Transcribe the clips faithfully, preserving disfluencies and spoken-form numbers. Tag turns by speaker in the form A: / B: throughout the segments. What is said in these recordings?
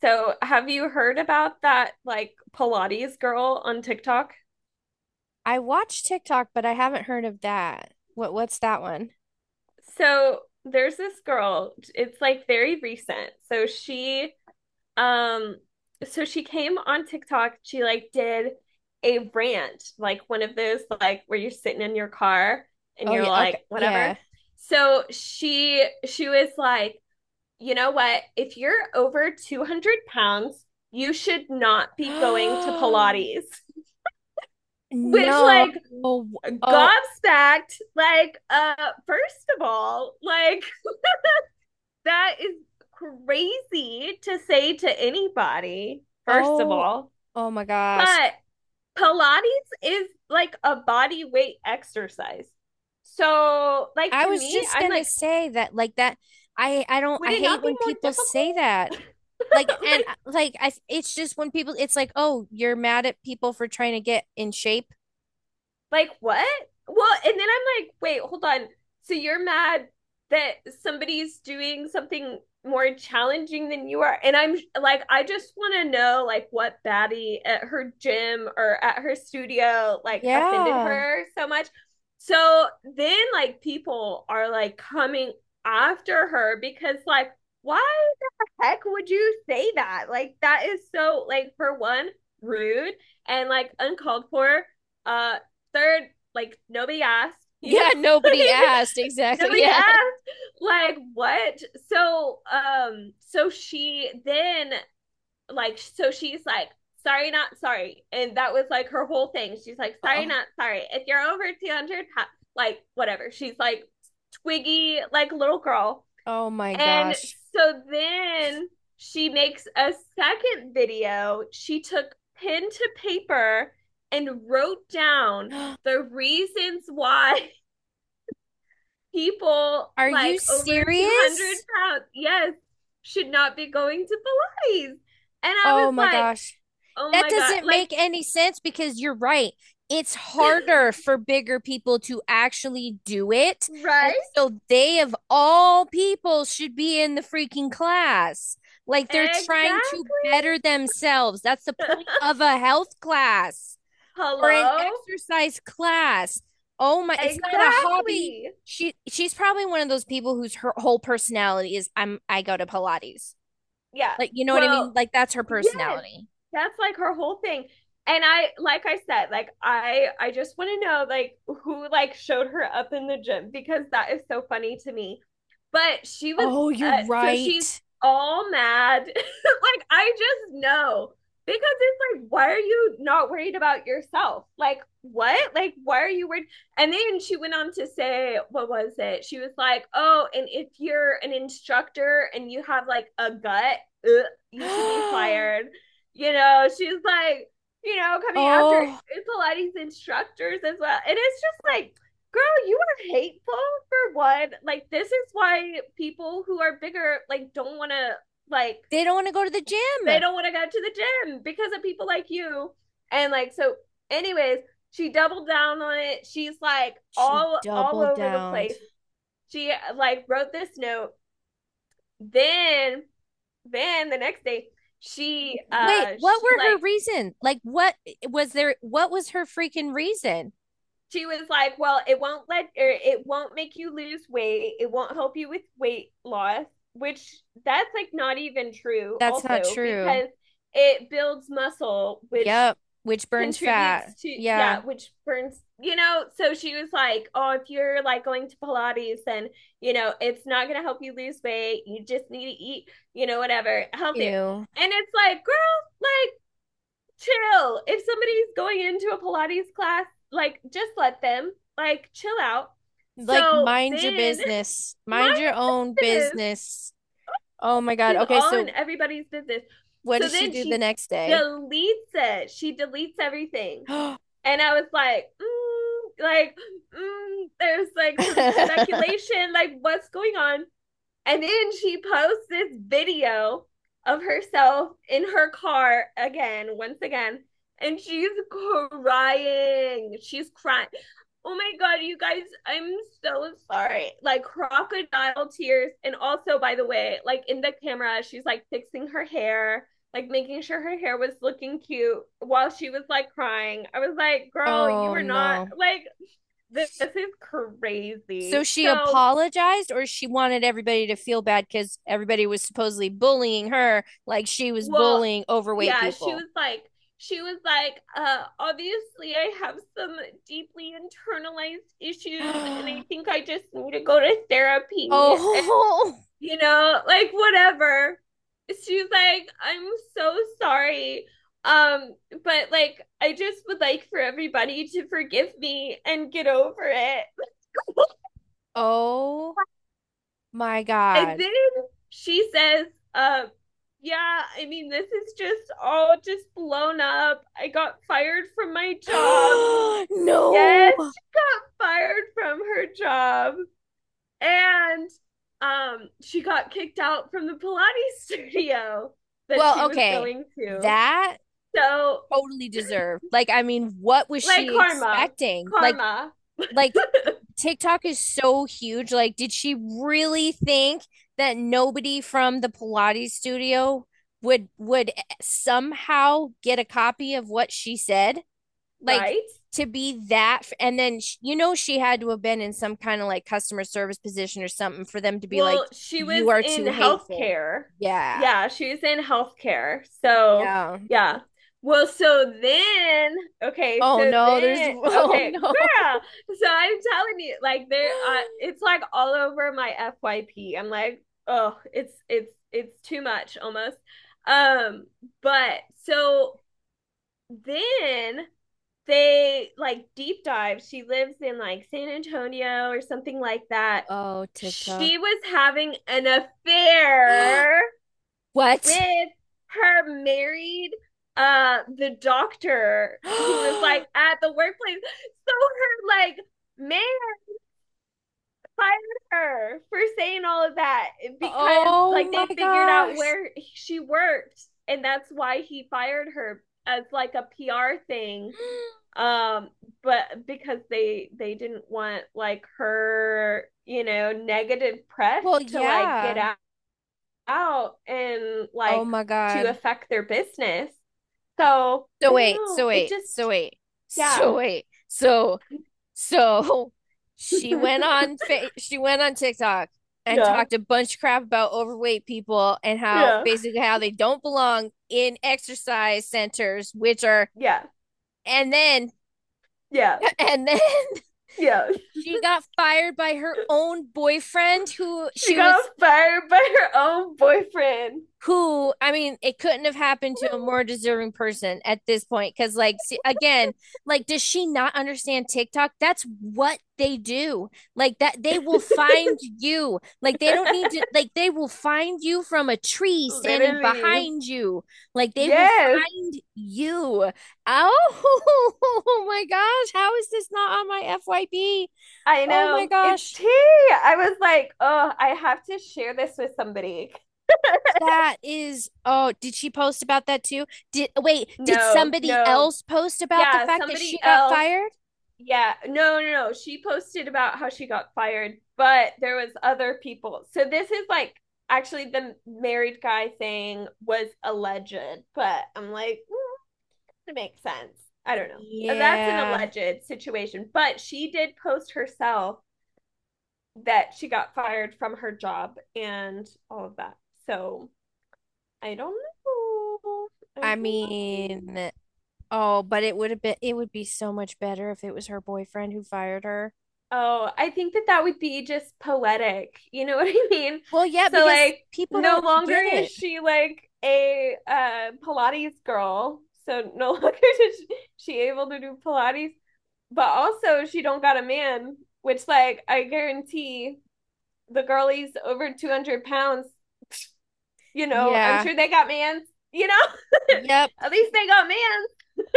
A: So, have you heard about that like Pilates girl on TikTok?
B: I watch TikTok, but I haven't heard of that. What what's that one?
A: So, there's this girl. It's like very recent. So, she um so she came on TikTok. She like did a rant, like one of those like where you're sitting in your car and
B: Oh
A: you're
B: yeah, okay.
A: like
B: Yeah.
A: whatever. So, she she was like, "You know what? If you're over two hundred pounds, you should not be going to Pilates." Which
B: No.
A: like
B: Oh,
A: gobsmacked. Like, uh, first of all, like that is crazy to say to anybody, first of
B: oh,
A: all.
B: oh my gosh.
A: But Pilates is like a body weight exercise. So, like
B: I
A: to
B: was
A: me,
B: just
A: I'm
B: gonna
A: like,
B: say that like that I I don't
A: would
B: I
A: it
B: hate
A: not be
B: when
A: more
B: people say
A: difficult?
B: that. Like and uh,
A: like
B: like I it's just when people it's like, "Oh, you're mad at people for trying to get in shape."
A: Like, what? Well, and then I'm like, wait, hold on. So you're mad that somebody's doing something more challenging than you are? And I'm like, I just want to know, like, what baddie at her gym or at her studio, like, offended
B: Yeah.
A: her so much. So then, like, people are like coming after her because, like, why heck would you say that? Like that is so like for one, rude and like uncalled for. Uh Third, like nobody asked, you know?
B: Yeah, nobody
A: like
B: asked. Exactly.
A: nobody
B: Yeah.
A: asked. Like what? So um so she then like so she's like sorry not sorry and that was like her whole thing, she's like sorry
B: Oh,
A: not sorry if you're over two hundred, like whatever, she's like twiggy like little girl.
B: oh my
A: And
B: gosh.
A: so then she makes a second video. She took pen to paper and wrote down the reasons why people
B: Are you
A: like over 200
B: serious?
A: pounds, yes, should not be going to Pilates. And I was
B: Oh my
A: like,
B: gosh.
A: oh
B: That
A: my God,
B: doesn't
A: like,
B: make any sense because you're right. It's harder for bigger people to actually do it. And
A: right?
B: so they, of all people, should be in the freaking class. Like they're trying to
A: Exactly.
B: better themselves. That's the point of a health class or an
A: Hello?
B: exercise class. Oh my, it's not a hobby.
A: Exactly,
B: She she's probably one of those people whose her whole personality is I'm I go to Pilates.
A: yeah.
B: Like, you know what I mean?
A: Well,
B: Like, that's her
A: yes.
B: personality.
A: That's like her whole thing. And I like I said, like I I just want to know like who like showed her up in the gym because that is so funny to me. But she was,
B: Oh,
A: uh,
B: you're
A: so she's
B: right.
A: all mad. like, I just know because it's like, why are you not worried about yourself? Like, what? Like, why are you worried? And then she went on to say, what was it? She was like, oh, and if you're an instructor and you have like a gut, ugh, you should be fired. You know, she's like, you know, coming after
B: Oh,
A: Pilates instructors as well. And it's just like, girl, you are hateful for one. Like this is why people who are bigger like don't want to like
B: they don't want to go to the
A: they
B: gym.
A: don't want to go to the gym because of people like you. And like so anyways, she doubled down on it. She's like
B: She
A: all all
B: doubled
A: over the
B: down.
A: place. She like wrote this note. Then then the next day she
B: Wait,
A: uh
B: what
A: she
B: were her
A: like
B: reason? Like, what was there? What was her freaking reason?
A: she was like, "Well, it won't let or it won't make you lose weight. It won't help you with weight loss." Which that's like not even true
B: That's not
A: also
B: true.
A: because it builds muscle which
B: Yep, which burns
A: contributes
B: fat.
A: to yeah
B: Yeah,
A: which burns, you know. So she was like, oh, if you're like going to Pilates then, you know, it's not going to help you lose weight, you just need to eat, you know, whatever, healthier.
B: ew.
A: And it's like, girl, like chill. If somebody's going into a Pilates class, like just let them, like chill out.
B: Like,
A: So
B: mind your
A: then,
B: business. Mind
A: mind
B: your own
A: you, this,
B: business. Oh my God.
A: she's
B: Okay,
A: all in
B: so
A: everybody's business.
B: what
A: So
B: does she
A: then
B: do the
A: she
B: next day?
A: deletes it. She deletes everything, and I was like, mm, like, mm, there's like some speculation, like what's going on. And then she posts this video of herself in her car again, once again, and she's crying. She's crying. Oh my God, you guys, I'm so sorry. Like crocodile tears. And also, by the way, like in the camera, she's like fixing her hair, like making sure her hair was looking cute while she was like crying. I was like, girl, you
B: Oh
A: were not
B: no.
A: like, this, this is
B: So
A: crazy.
B: she
A: So,
B: apologized, or she wanted everybody to feel bad because everybody was supposedly bullying her like she was
A: well,
B: bullying overweight
A: yeah, she
B: people.
A: was like, she was like, uh, obviously I have some deeply internalized issues and I think I just need to go to therapy and,
B: Oh,
A: you know, like whatever. She's like, I'm so sorry. Um, but like I just would like for everybody to forgive me and get over it.
B: oh my
A: And
B: God.
A: then she says, uh, yeah, I mean, this is just all just blown up. I got fired from my job.
B: No.
A: Yes, she got fired from her job. And um, she got kicked out from the Pilates studio that she
B: Well,
A: was
B: okay.
A: going to.
B: That
A: So,
B: totally deserved. Like, I mean, what was
A: like
B: she
A: karma,
B: expecting? Like,
A: karma,
B: like TikTok is so huge. Like, did she really think that nobody from the Pilates studio would would somehow get a copy of what she said? Like
A: right?
B: to be that and then sh- you know she had to have been in some kind of like customer service position or something for them to be like
A: Well, she was
B: you are
A: in
B: too hateful.
A: healthcare.
B: Yeah.
A: Yeah, she was in healthcare. So,
B: Yeah.
A: yeah. Well, so then, okay,
B: Oh
A: so
B: no, there's
A: then,
B: oh
A: okay,
B: no.
A: girl. So I'm telling you, like there, uh, it's like all over my F Y P. I'm like, oh, it's it's it's too much almost. Um, but so then they like deep dive. She lives in like San Antonio or something like that.
B: Oh, TikTok.
A: She was having an affair
B: What?
A: with her married uh the doctor who is like at the workplace. So her like man fired her for saying all of that because
B: Oh
A: like they
B: my
A: figured out
B: gosh.
A: where she worked, and that's why he fired her as like a P R thing, um but because they they didn't want like her, you know, negative press
B: Well,
A: to like get
B: yeah.
A: out and
B: Oh
A: like
B: my
A: to
B: God.
A: affect their business. So
B: So
A: I don't
B: wait,
A: know,
B: so
A: it
B: wait, so
A: just,
B: wait,
A: yeah.
B: so wait. So so she went on fa she went on TikTok and
A: Yeah,
B: talked a bunch of crap about overweight people and how
A: yeah,
B: basically how they don't belong in exercise centers, which are
A: yeah,
B: and then
A: yeah,
B: and then
A: yeah.
B: she got fired by her own boyfriend who
A: She
B: she
A: got
B: was
A: fired by her own boyfriend.
B: who I mean, it couldn't have happened to a more deserving person at this point. Cause like, see, again, like, does she not understand TikTok? That's what they do. Like that, they will find you. Like they don't need to. Like they will find you from a tree standing
A: Literally,
B: behind you. Like they will
A: yes.
B: find you. Oh, oh my gosh! How is this not on my F Y P?
A: I
B: Oh my
A: know. It's
B: gosh!
A: tea. I was like, oh, I have to share this with somebody.
B: That is, oh, did she post about that too? Did Wait, did
A: No,
B: somebody
A: no.
B: else post about the
A: Yeah,
B: fact that she
A: somebody
B: got
A: else.
B: fired?
A: Yeah, no, no, no. She posted about how she got fired, but there was other people. So this is like actually the married guy thing was alleged, but I'm like, mm, it makes sense. I don't know. That's an
B: Yeah,
A: alleged situation, but she did post herself that she got fired from her job and all of that. So I don't know. I
B: I
A: don't know.
B: mean, oh, but it would have been, it would be so much better if it was her boyfriend who fired her.
A: Oh, I think that that would be just poetic. You know what I mean?
B: Well, yeah,
A: So
B: because
A: like
B: people
A: no
B: don't
A: longer
B: get
A: is
B: it.
A: she like a uh Pilates girl. So no longer is she able to do Pilates, but also she don't got a man, which like I guarantee the girlies over two hundred pounds, you know, I'm
B: Yeah,
A: sure they got mans, you know?
B: yep.
A: At least they got mans.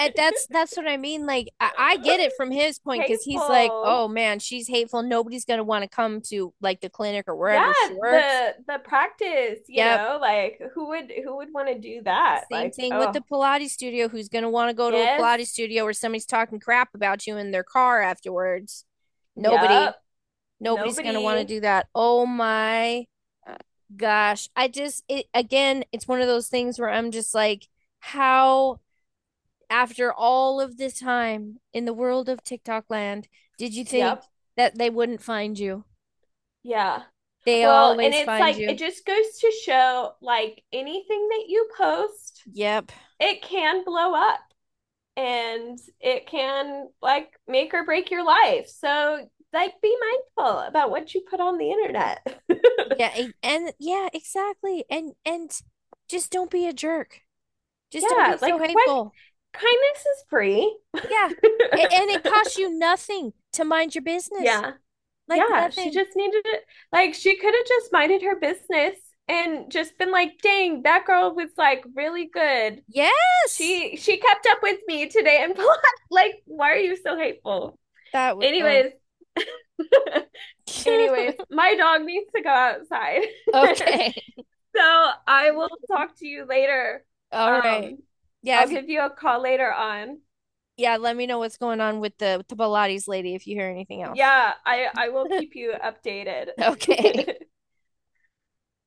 B: And that's that's what I mean. Like I, I get it from his point because he's like,
A: Hateful.
B: oh man, she's hateful. Nobody's gonna want to come to like the clinic or
A: Yeah,
B: wherever she works.
A: the the practice, you
B: Yep.
A: know, like who would who would want to do that,
B: Same
A: like
B: thing with the
A: oh
B: Pilates studio. Who's going to want to go to a
A: yes,
B: Pilates studio where somebody's talking crap about you in their car afterwards? Nobody,
A: yep,
B: nobody's going to want to
A: nobody,
B: do that. Oh my gosh. I just, it, again, it's one of those things where I'm just like, how, after all of this time in the world of TikTok land, did you think
A: yep.
B: that they wouldn't find you?
A: Yeah,
B: They
A: well, and
B: always
A: it's
B: find
A: like it
B: you.
A: just goes to show like anything that you post,
B: Yep.
A: it can blow up and it can like make or break your life. So like be mindful about what you put on the internet.
B: Yeah. e, And yeah, exactly. And, and just don't be a jerk. Just don't
A: Yeah,
B: be
A: like
B: so
A: what,
B: hateful.
A: kindness is free.
B: Yeah. A- and it costs you nothing to mind your business.
A: Yeah,
B: Like
A: yeah, she
B: nothing.
A: just needed it. Like, she could have just minded her business and just been like, dang, that girl was like really good.
B: Yes.
A: She she kept up with me today and like, why are you so hateful?
B: That would uh
A: Anyways, anyways, my dog needs to go outside.
B: okay.
A: So I will talk to you later.
B: All right.
A: Um,
B: Yeah,
A: I'll
B: if
A: give you a call later on.
B: yeah, let me know what's going on with the with the Pilates lady if you hear anything else.
A: Yeah, I I will keep you updated.
B: Okay.